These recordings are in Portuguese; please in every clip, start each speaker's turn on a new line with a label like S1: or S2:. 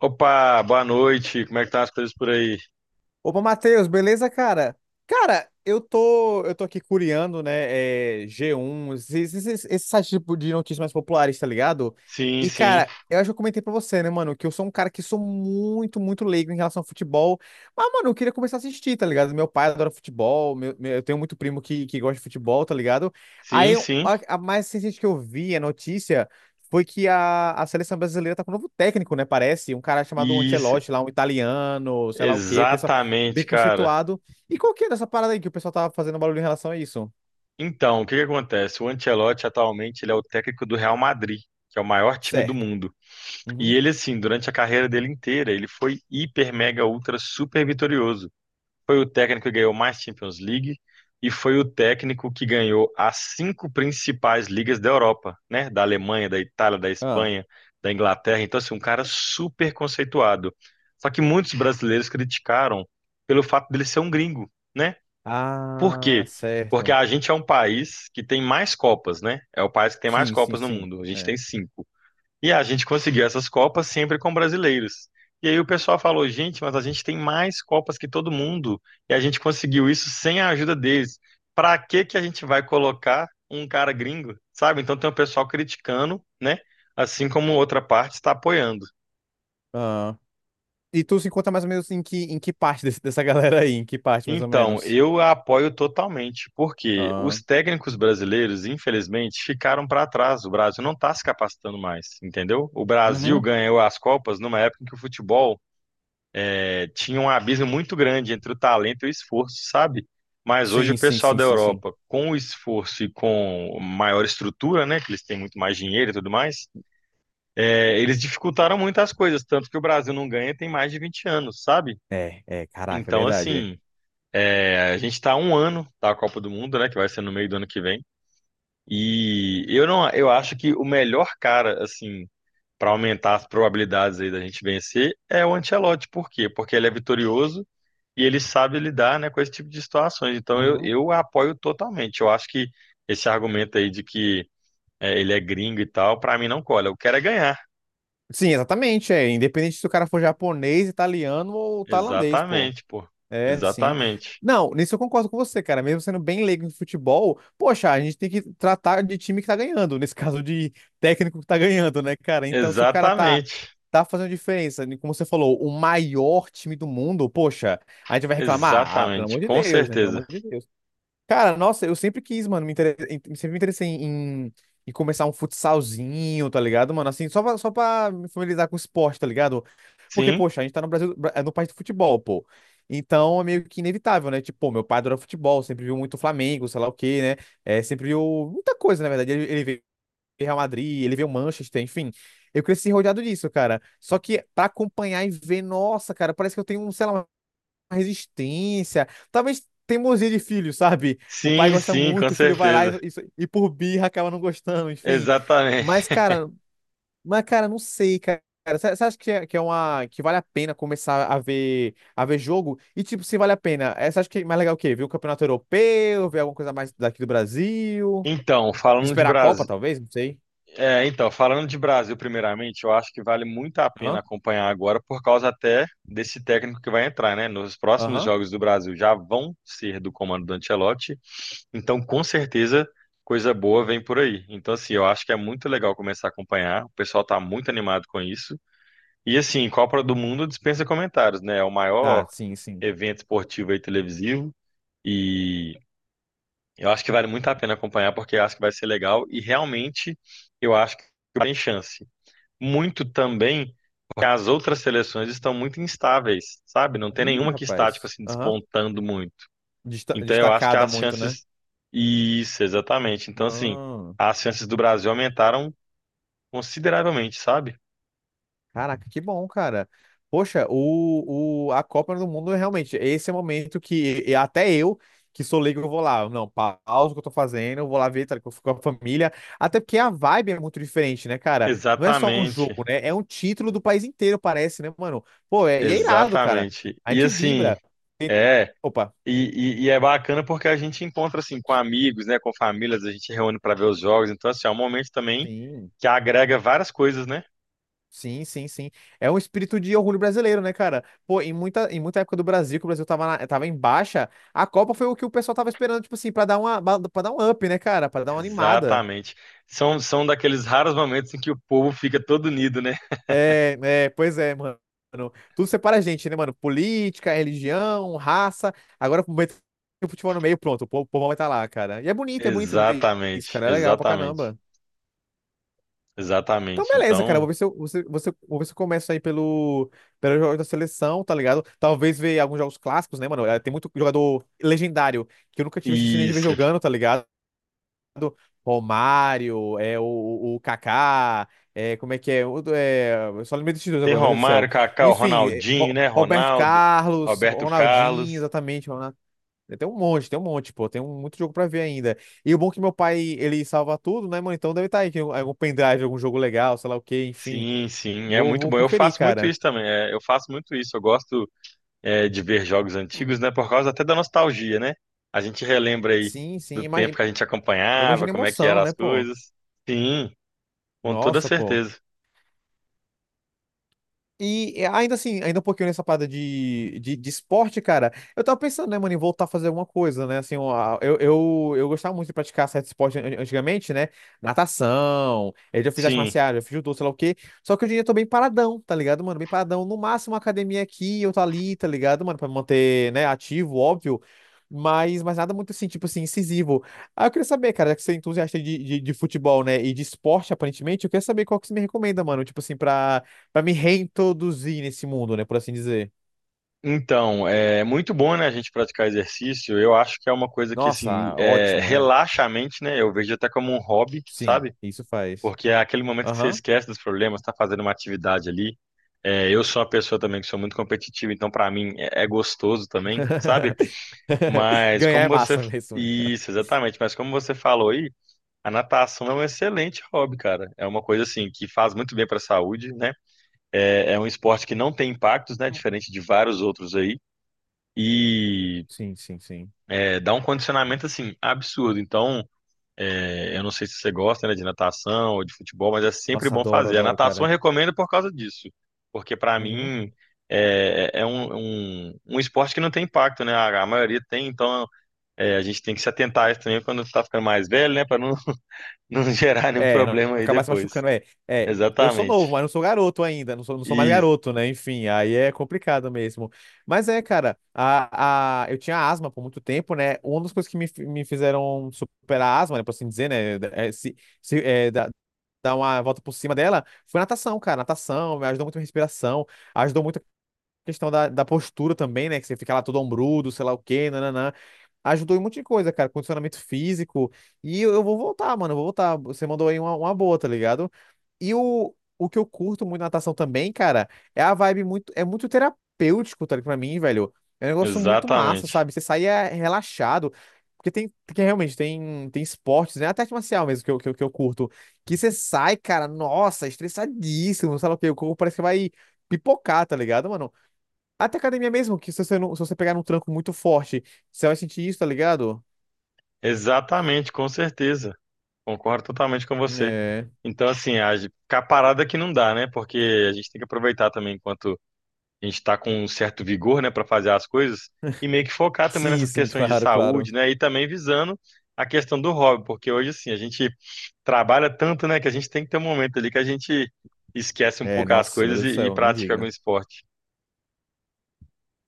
S1: Opa, boa noite. Como é que tá as coisas por aí?
S2: Opa, Matheus, beleza, cara? Cara, eu tô aqui curiando, né, G1, esses sites tipo de notícias mais populares, tá ligado?
S1: Sim,
S2: E,
S1: sim.
S2: cara, eu acho que eu comentei pra você, né, mano, que eu sou um cara que sou muito, muito leigo em relação ao futebol. Mas, mano, eu queria começar a assistir, tá ligado? Meu pai adora futebol, eu tenho muito primo que gosta de futebol, tá ligado? Aí,
S1: Sim, sim.
S2: a mais recente que eu vi, a notícia, foi que a seleção brasileira tá com um novo técnico, né, parece? Um cara chamado
S1: Isso.
S2: Ancelotti lá, um italiano, sei lá o quê,
S1: Exatamente,
S2: bem
S1: cara.
S2: conceituado. E qual que é dessa parada aí que o pessoal tava fazendo barulho em relação a isso?
S1: Então, o que que acontece? O Ancelotti atualmente ele é o técnico do Real Madrid, que é o maior time do
S2: Certo.
S1: mundo. E
S2: Uhum.
S1: ele assim, durante a carreira dele inteira, ele foi hiper mega ultra super vitorioso. Foi o técnico que ganhou mais Champions League e foi o técnico que ganhou as cinco principais ligas da Europa, né? Da Alemanha, da Itália, da
S2: Ah.
S1: Espanha, da Inglaterra. Então, assim, um cara super conceituado. Só que muitos brasileiros criticaram pelo fato dele ser um gringo, né? Por
S2: Ah,
S1: quê? Porque
S2: certo.
S1: a gente é um país que tem mais Copas, né? É o país que tem mais
S2: Sim, sim,
S1: Copas no
S2: sim.
S1: mundo. A gente
S2: É.
S1: tem cinco. E a gente conseguiu essas Copas sempre com brasileiros. E aí o pessoal falou: gente, mas a gente tem mais Copas que todo mundo e a gente conseguiu isso sem a ajuda deles. Pra que que a gente vai colocar um cara gringo, sabe? Então tem o pessoal criticando, né? Assim como outra parte está apoiando.
S2: Ah. E tu se encontra mais ou menos em que parte dessa galera aí? Em que parte, mais ou
S1: Então,
S2: menos?
S1: eu a apoio totalmente, porque
S2: Ah.
S1: os técnicos brasileiros, infelizmente, ficaram para trás. O Brasil não está se capacitando mais, entendeu? O Brasil
S2: Uhum.
S1: ganhou as Copas numa época em que o futebol tinha um abismo muito grande entre o talento e o esforço, sabe? Mas hoje
S2: Sim,
S1: o
S2: sim,
S1: pessoal
S2: sim,
S1: da
S2: sim, sim.
S1: Europa, com o esforço e com maior estrutura, né, que eles têm muito mais dinheiro e tudo mais, eles dificultaram muito as coisas, tanto que o Brasil não ganha tem mais de 20 anos, sabe?
S2: É, é, caraca, é
S1: Então,
S2: verdade.
S1: assim, a gente está um ano da Copa do Mundo, né, que vai ser no meio do ano que vem, e eu não, eu acho que o melhor cara, assim, para aumentar as probabilidades aí da gente vencer é o Ancelotti. Por quê? Porque ele é vitorioso, e ele sabe lidar, né, com esse tipo de situações. Então eu,
S2: Uhum.
S1: eu apoio totalmente. Eu acho que esse argumento aí de que ele é gringo e tal, pra mim não cola. Eu quero é ganhar.
S2: Sim, exatamente, é. Independente se o cara for japonês, italiano ou tailandês, pô.
S1: Exatamente, pô.
S2: É, sim.
S1: Exatamente.
S2: Não, nisso eu concordo com você, cara. Mesmo sendo bem leigo em futebol, poxa, a gente tem que tratar de time que tá ganhando, nesse caso de técnico que tá ganhando, né, cara? Então, se o cara tá,
S1: Exatamente.
S2: tá fazendo diferença, né, como você falou, o maior time do mundo, poxa, a gente vai reclamar? Ah, pelo
S1: Exatamente.
S2: amor de
S1: Com
S2: Deus, né? Pelo amor
S1: certeza.
S2: de Deus. Cara, nossa, eu sempre quis, mano, sempre me interessei em começar um futsalzinho, tá ligado, mano? Assim, só pra me familiarizar com o esporte, tá ligado? Porque,
S1: Sim,
S2: poxa, a gente tá no Brasil, é no país do futebol, pô. Então é meio que inevitável, né? Tipo, pô, meu pai adora futebol, sempre viu muito Flamengo, sei lá o quê, né? É, sempre viu muita coisa, na verdade. Ele vê Real Madrid, ele vê o Manchester, enfim. Eu cresci rodeado disso, cara. Só que pra acompanhar e ver, nossa, cara, parece que eu tenho, um, sei lá, uma resistência. Talvez teimosia de filho, sabe? O pai
S1: sim,
S2: gosta
S1: sim, com
S2: muito, o filho vai lá
S1: certeza.
S2: e por birra acaba não gostando, enfim. Mas,
S1: Exatamente.
S2: cara, mas, cara, não sei, cara. Você acha que que é uma que vale a pena começar a ver jogo? E tipo, se vale a pena, você acha que é mais legal o quê? Ver o campeonato europeu, ver alguma coisa mais daqui do Brasil,
S1: Então, falando de
S2: esperar a Copa
S1: Brasil,
S2: talvez, não sei.
S1: é, então, falando de Brasil, primeiramente, eu acho que vale muito a pena
S2: Aham.
S1: acompanhar agora, por causa até desse técnico que vai entrar, né? Nos próximos
S2: Aham.
S1: jogos do Brasil já vão ser do comando do Ancelotti, então com certeza coisa boa vem por aí. Então, assim, eu acho que é muito legal começar a acompanhar, o pessoal tá muito animado com isso. E, assim, Copa do Mundo dispensa comentários, né? É o
S2: Ah,
S1: maior
S2: sim, sim.
S1: evento esportivo e televisivo, e eu acho que vale muito a pena acompanhar, porque eu acho que vai ser legal e realmente eu acho que tem chance muito também que as outras seleções estão muito instáveis, sabe? Não tem
S2: Ih,
S1: nenhuma que está, tipo
S2: rapaz.
S1: assim,
S2: Aham.
S1: despontando muito. Então eu acho que
S2: Destacada
S1: as
S2: muito, né?
S1: chances. Isso, exatamente. Então, assim,
S2: Ah.
S1: as chances do Brasil aumentaram consideravelmente, sabe?
S2: Caraca, que bom, cara. Poxa, a Copa do Mundo, realmente, esse é o momento que, e até eu, que sou leigo, eu vou lá. Não, pausa o que eu tô fazendo, eu vou lá ver, tá, que eu fico com a família. Até porque a vibe é muito diferente, né, cara? Não é só um
S1: Exatamente,
S2: jogo, né? É um título do país inteiro, parece, né, mano? Pô, é, e é irado, cara.
S1: exatamente.
S2: A
S1: E
S2: gente
S1: assim,
S2: vibra. Tem-
S1: é.
S2: Opa.
S1: E, e é bacana porque a gente encontra assim com amigos, né, com famílias, a gente reúne para ver os jogos. Então, assim, é um momento também
S2: Sim.
S1: que agrega várias coisas, né?
S2: Sim, sim, sim. É um espírito de orgulho brasileiro, né, cara? Pô, em muita época do Brasil, que o Brasil tava, tava em baixa, a Copa foi o que o pessoal tava esperando, tipo assim, pra dar um up, né, cara? Pra dar uma animada.
S1: Exatamente. São daqueles raros momentos em que o povo fica todo unido, né?
S2: É, é, pois é, mano. Tudo separa a gente, né, mano? Política, religião, raça. Agora meter o futebol no meio, pronto, o povo vai estar lá, cara. E é bonito ver isso,
S1: Exatamente,
S2: cara. É legal pra
S1: exatamente,
S2: caramba. Então,
S1: exatamente.
S2: beleza, cara.
S1: Então,
S2: Vou ver se eu começo aí pelo jogo da seleção, tá ligado? Talvez ver alguns jogos clássicos, né, mano? Tem muito jogador legendário que eu nunca tive a chance nem de ver
S1: isso.
S2: jogando, tá ligado? Romário, o Kaká, é, como é que é? O é? Eu só lembrei desses dois
S1: Tem
S2: agora, meu Deus do
S1: Romário,
S2: céu.
S1: Kaká,
S2: Enfim,
S1: Ronaldinho, né?
S2: Roberto
S1: Ronaldo,
S2: Carlos,
S1: Roberto
S2: Ronaldinho,
S1: Carlos.
S2: exatamente. É, tem um monte, tem um monte, pô. Muito jogo pra ver ainda. E o bom é que meu pai, ele salva tudo, né, mano? Então deve estar aí, tem algum pendrive, algum jogo legal, sei lá o quê, enfim.
S1: Sim, sim, é
S2: Vou,
S1: muito
S2: vou
S1: bom. Eu
S2: conferir,
S1: faço muito
S2: cara.
S1: isso também. Eu faço muito isso. Eu gosto de ver jogos antigos, né? Por causa até da nostalgia, né? A gente relembra aí
S2: Sim, sim.
S1: do tempo
S2: Imagina,
S1: que a gente acompanhava,
S2: imagina a
S1: como é que
S2: emoção,
S1: eram as
S2: né, pô?
S1: coisas. Sim, com toda
S2: Nossa, pô.
S1: certeza.
S2: E é, ainda assim, ainda um pouquinho nessa parada de esporte, cara, eu tava pensando, né, mano, em voltar a fazer alguma coisa, né? Assim, ó, eu gostava muito de praticar certo esporte antigamente, né? Natação, eu já fiz arte
S1: Sim.
S2: marcial, já fiz judô, sei lá o quê. Só que hoje em dia eu tô bem paradão, tá ligado, mano? Bem paradão. No máximo, uma academia aqui, eu tô ali, tá ligado, mano? Pra me manter, né, ativo, óbvio. Mas nada muito assim, tipo assim, incisivo. Ah, eu queria saber, cara, já que você é entusiasta de futebol, né? E de esporte, aparentemente, eu queria saber qual que você me recomenda, mano. Tipo assim, pra. Pra me reintroduzir nesse mundo, né? Por assim dizer.
S1: Então, é muito bom, né, a gente praticar exercício. Eu acho que é uma coisa que, assim,
S2: Nossa, ótimo, é.
S1: relaxa a mente, né? Eu vejo até como um hobby,
S2: Sim,
S1: sabe?
S2: isso faz.
S1: Porque é aquele momento que você
S2: Aham.
S1: esquece dos problemas, tá fazendo uma atividade ali. Eu sou uma pessoa também que sou muito competitiva, então pra mim é gostoso também, sabe? Mas
S2: Ganhar
S1: como
S2: é
S1: você...
S2: massa mesmo.
S1: Isso, exatamente. Mas como você falou aí, a natação é um excelente hobby, cara. É uma coisa, assim, que faz muito bem pra saúde, né? É um esporte que não tem impactos, né? Diferente de vários outros aí e
S2: Sim, sim, sim.
S1: dá um condicionamento assim absurdo. Então, eu não sei se você gosta, né, de natação ou de futebol, mas é sempre
S2: Nossa,
S1: bom
S2: adoro,
S1: fazer. A
S2: adoro,
S1: natação
S2: cara.
S1: eu recomendo por causa disso, porque para
S2: Uhum.
S1: mim é um esporte que não tem impacto, né? A maioria tem, então a gente tem que se atentar a isso também quando está ficando mais velho, né, para não, não gerar nenhum
S2: É, não
S1: problema aí
S2: acabar se
S1: depois.
S2: machucando. É, é. Eu sou novo,
S1: Exatamente.
S2: mas não sou garoto ainda. Não sou mais
S1: Isso,
S2: garoto, né? Enfim, aí é complicado mesmo. Mas é, cara, eu tinha asma por muito tempo, né? Uma das coisas que me fizeram superar a asma, né? Por assim dizer, né? É, se, é, da- dar uma volta por cima dela, foi natação, cara. Natação me ajudou muito a respiração, ajudou muito a questão da postura também, né? Que você fica lá todo ombrudo, sei lá o quê, nananã. Ajudou em um monte de coisa, cara. Condicionamento físico. E eu vou voltar, mano. Eu vou voltar. Você mandou aí uma boa, tá ligado? E o que eu curto muito na natação também, cara, é a vibe, muito, é muito terapêutico, tá ligado? Pra mim, velho. É um negócio muito massa,
S1: exatamente.
S2: sabe? Você sai, é, relaxado. Porque realmente tem esportes, né? Até arte marcial mesmo, que eu curto. Que você sai, cara, nossa, estressadíssimo, sei lá o quê. O corpo parece que vai pipocar, tá ligado, mano? Até academia mesmo, que se você, não, se você pegar num tranco muito forte, você vai sentir isso, tá ligado?
S1: Exatamente, com certeza. Concordo totalmente com você.
S2: É.
S1: Então, assim, a gente- ficar parado aqui não dá, né? Porque a gente tem que aproveitar também enquanto a gente está com um certo vigor, né, para fazer as coisas e meio que focar também
S2: Sim,
S1: nessas
S2: sim,
S1: questões de
S2: claro, claro.
S1: saúde, né? E também visando a questão do hobby, porque hoje, assim, a gente trabalha tanto, né, que a gente tem que ter um momento ali que a gente esquece um
S2: É,
S1: pouco as
S2: nossa, meu
S1: coisas
S2: Deus do
S1: e
S2: céu, nem
S1: pratica algum
S2: diga.
S1: esporte.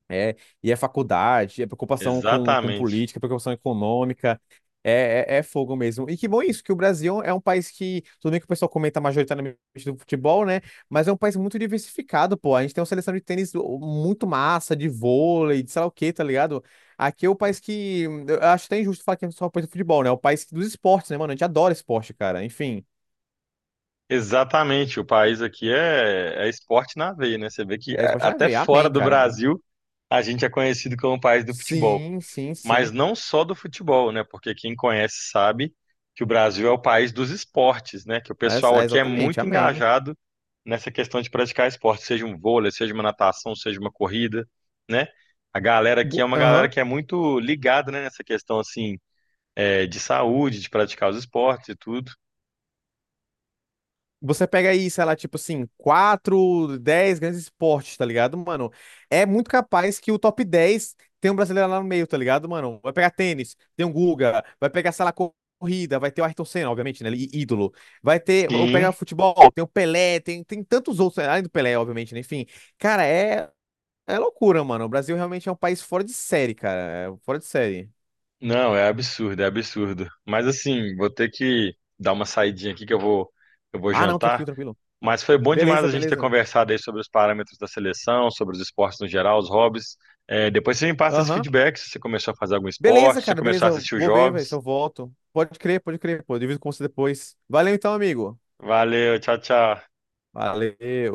S2: É, e é faculdade, é preocupação com
S1: Exatamente.
S2: política, é preocupação econômica, é fogo mesmo. E que bom isso, que o Brasil é um país que, tudo bem que o pessoal comenta majoritariamente do futebol, né? Mas é um país muito diversificado, pô. A gente tem uma seleção de tênis muito massa, de vôlei, de sei lá o quê, tá ligado? Aqui é o país que, eu acho até injusto falar que é só o país do futebol, né? É o país dos esportes, né, mano? A gente adora esporte, cara. Enfim,
S1: Exatamente, o país aqui é, é esporte na veia, né? Você vê que
S2: é esporte
S1: a-
S2: na
S1: até
S2: veia.
S1: fora
S2: Amém,
S1: do
S2: cara, amém.
S1: Brasil a gente é conhecido como o país do futebol,
S2: Sim, sim,
S1: mas
S2: sim.
S1: não só do futebol, né? Porque quem conhece sabe que o Brasil é o país dos esportes, né? Que o pessoal
S2: É, é
S1: aqui é
S2: exatamente,
S1: muito
S2: amém.
S1: engajado nessa questão de praticar esporte, seja um vôlei, seja uma natação, seja uma corrida, né? A galera aqui é uma galera
S2: Aham.
S1: que é muito ligada, né? Nessa questão assim, é, de saúde, de praticar os esportes e tudo.
S2: Você pega aí, sei lá, tipo assim, quatro, 10 grandes esportes, tá ligado, mano? É muito capaz que o top 10 tem um brasileiro lá no meio, tá ligado, mano? Vai pegar tênis, tem um Guga, vai pegar, sei lá, corrida, vai ter o Ayrton Senna, obviamente, né? Ídolo. Vai ter, eu
S1: Sim.
S2: pegar futebol, tem o Pelé, tem tantos outros, além do Pelé, obviamente, né? Enfim, cara, é loucura, mano. O Brasil realmente é um país fora de série, cara. É fora de série.
S1: Não, é absurdo, é absurdo. Mas assim, vou ter que dar uma saidinha aqui que eu vou
S2: Ah, não,
S1: jantar.
S2: tranquilo, tranquilo.
S1: Mas foi bom demais
S2: Beleza,
S1: a gente ter
S2: beleza.
S1: conversado aí sobre os parâmetros da seleção, sobre os esportes no geral, os hobbies. É, depois você me passa esse
S2: Aham.
S1: feedback se você começou a fazer algum esporte,
S2: Beleza,
S1: se você
S2: cara,
S1: começou
S2: beleza.
S1: a
S2: Eu
S1: assistir os
S2: vou ver, velho, se
S1: jogos.
S2: eu volto. Pode crer, pô. Eu divido com você depois. Valeu então, amigo.
S1: Valeu, tchau, tchau.
S2: Valeu.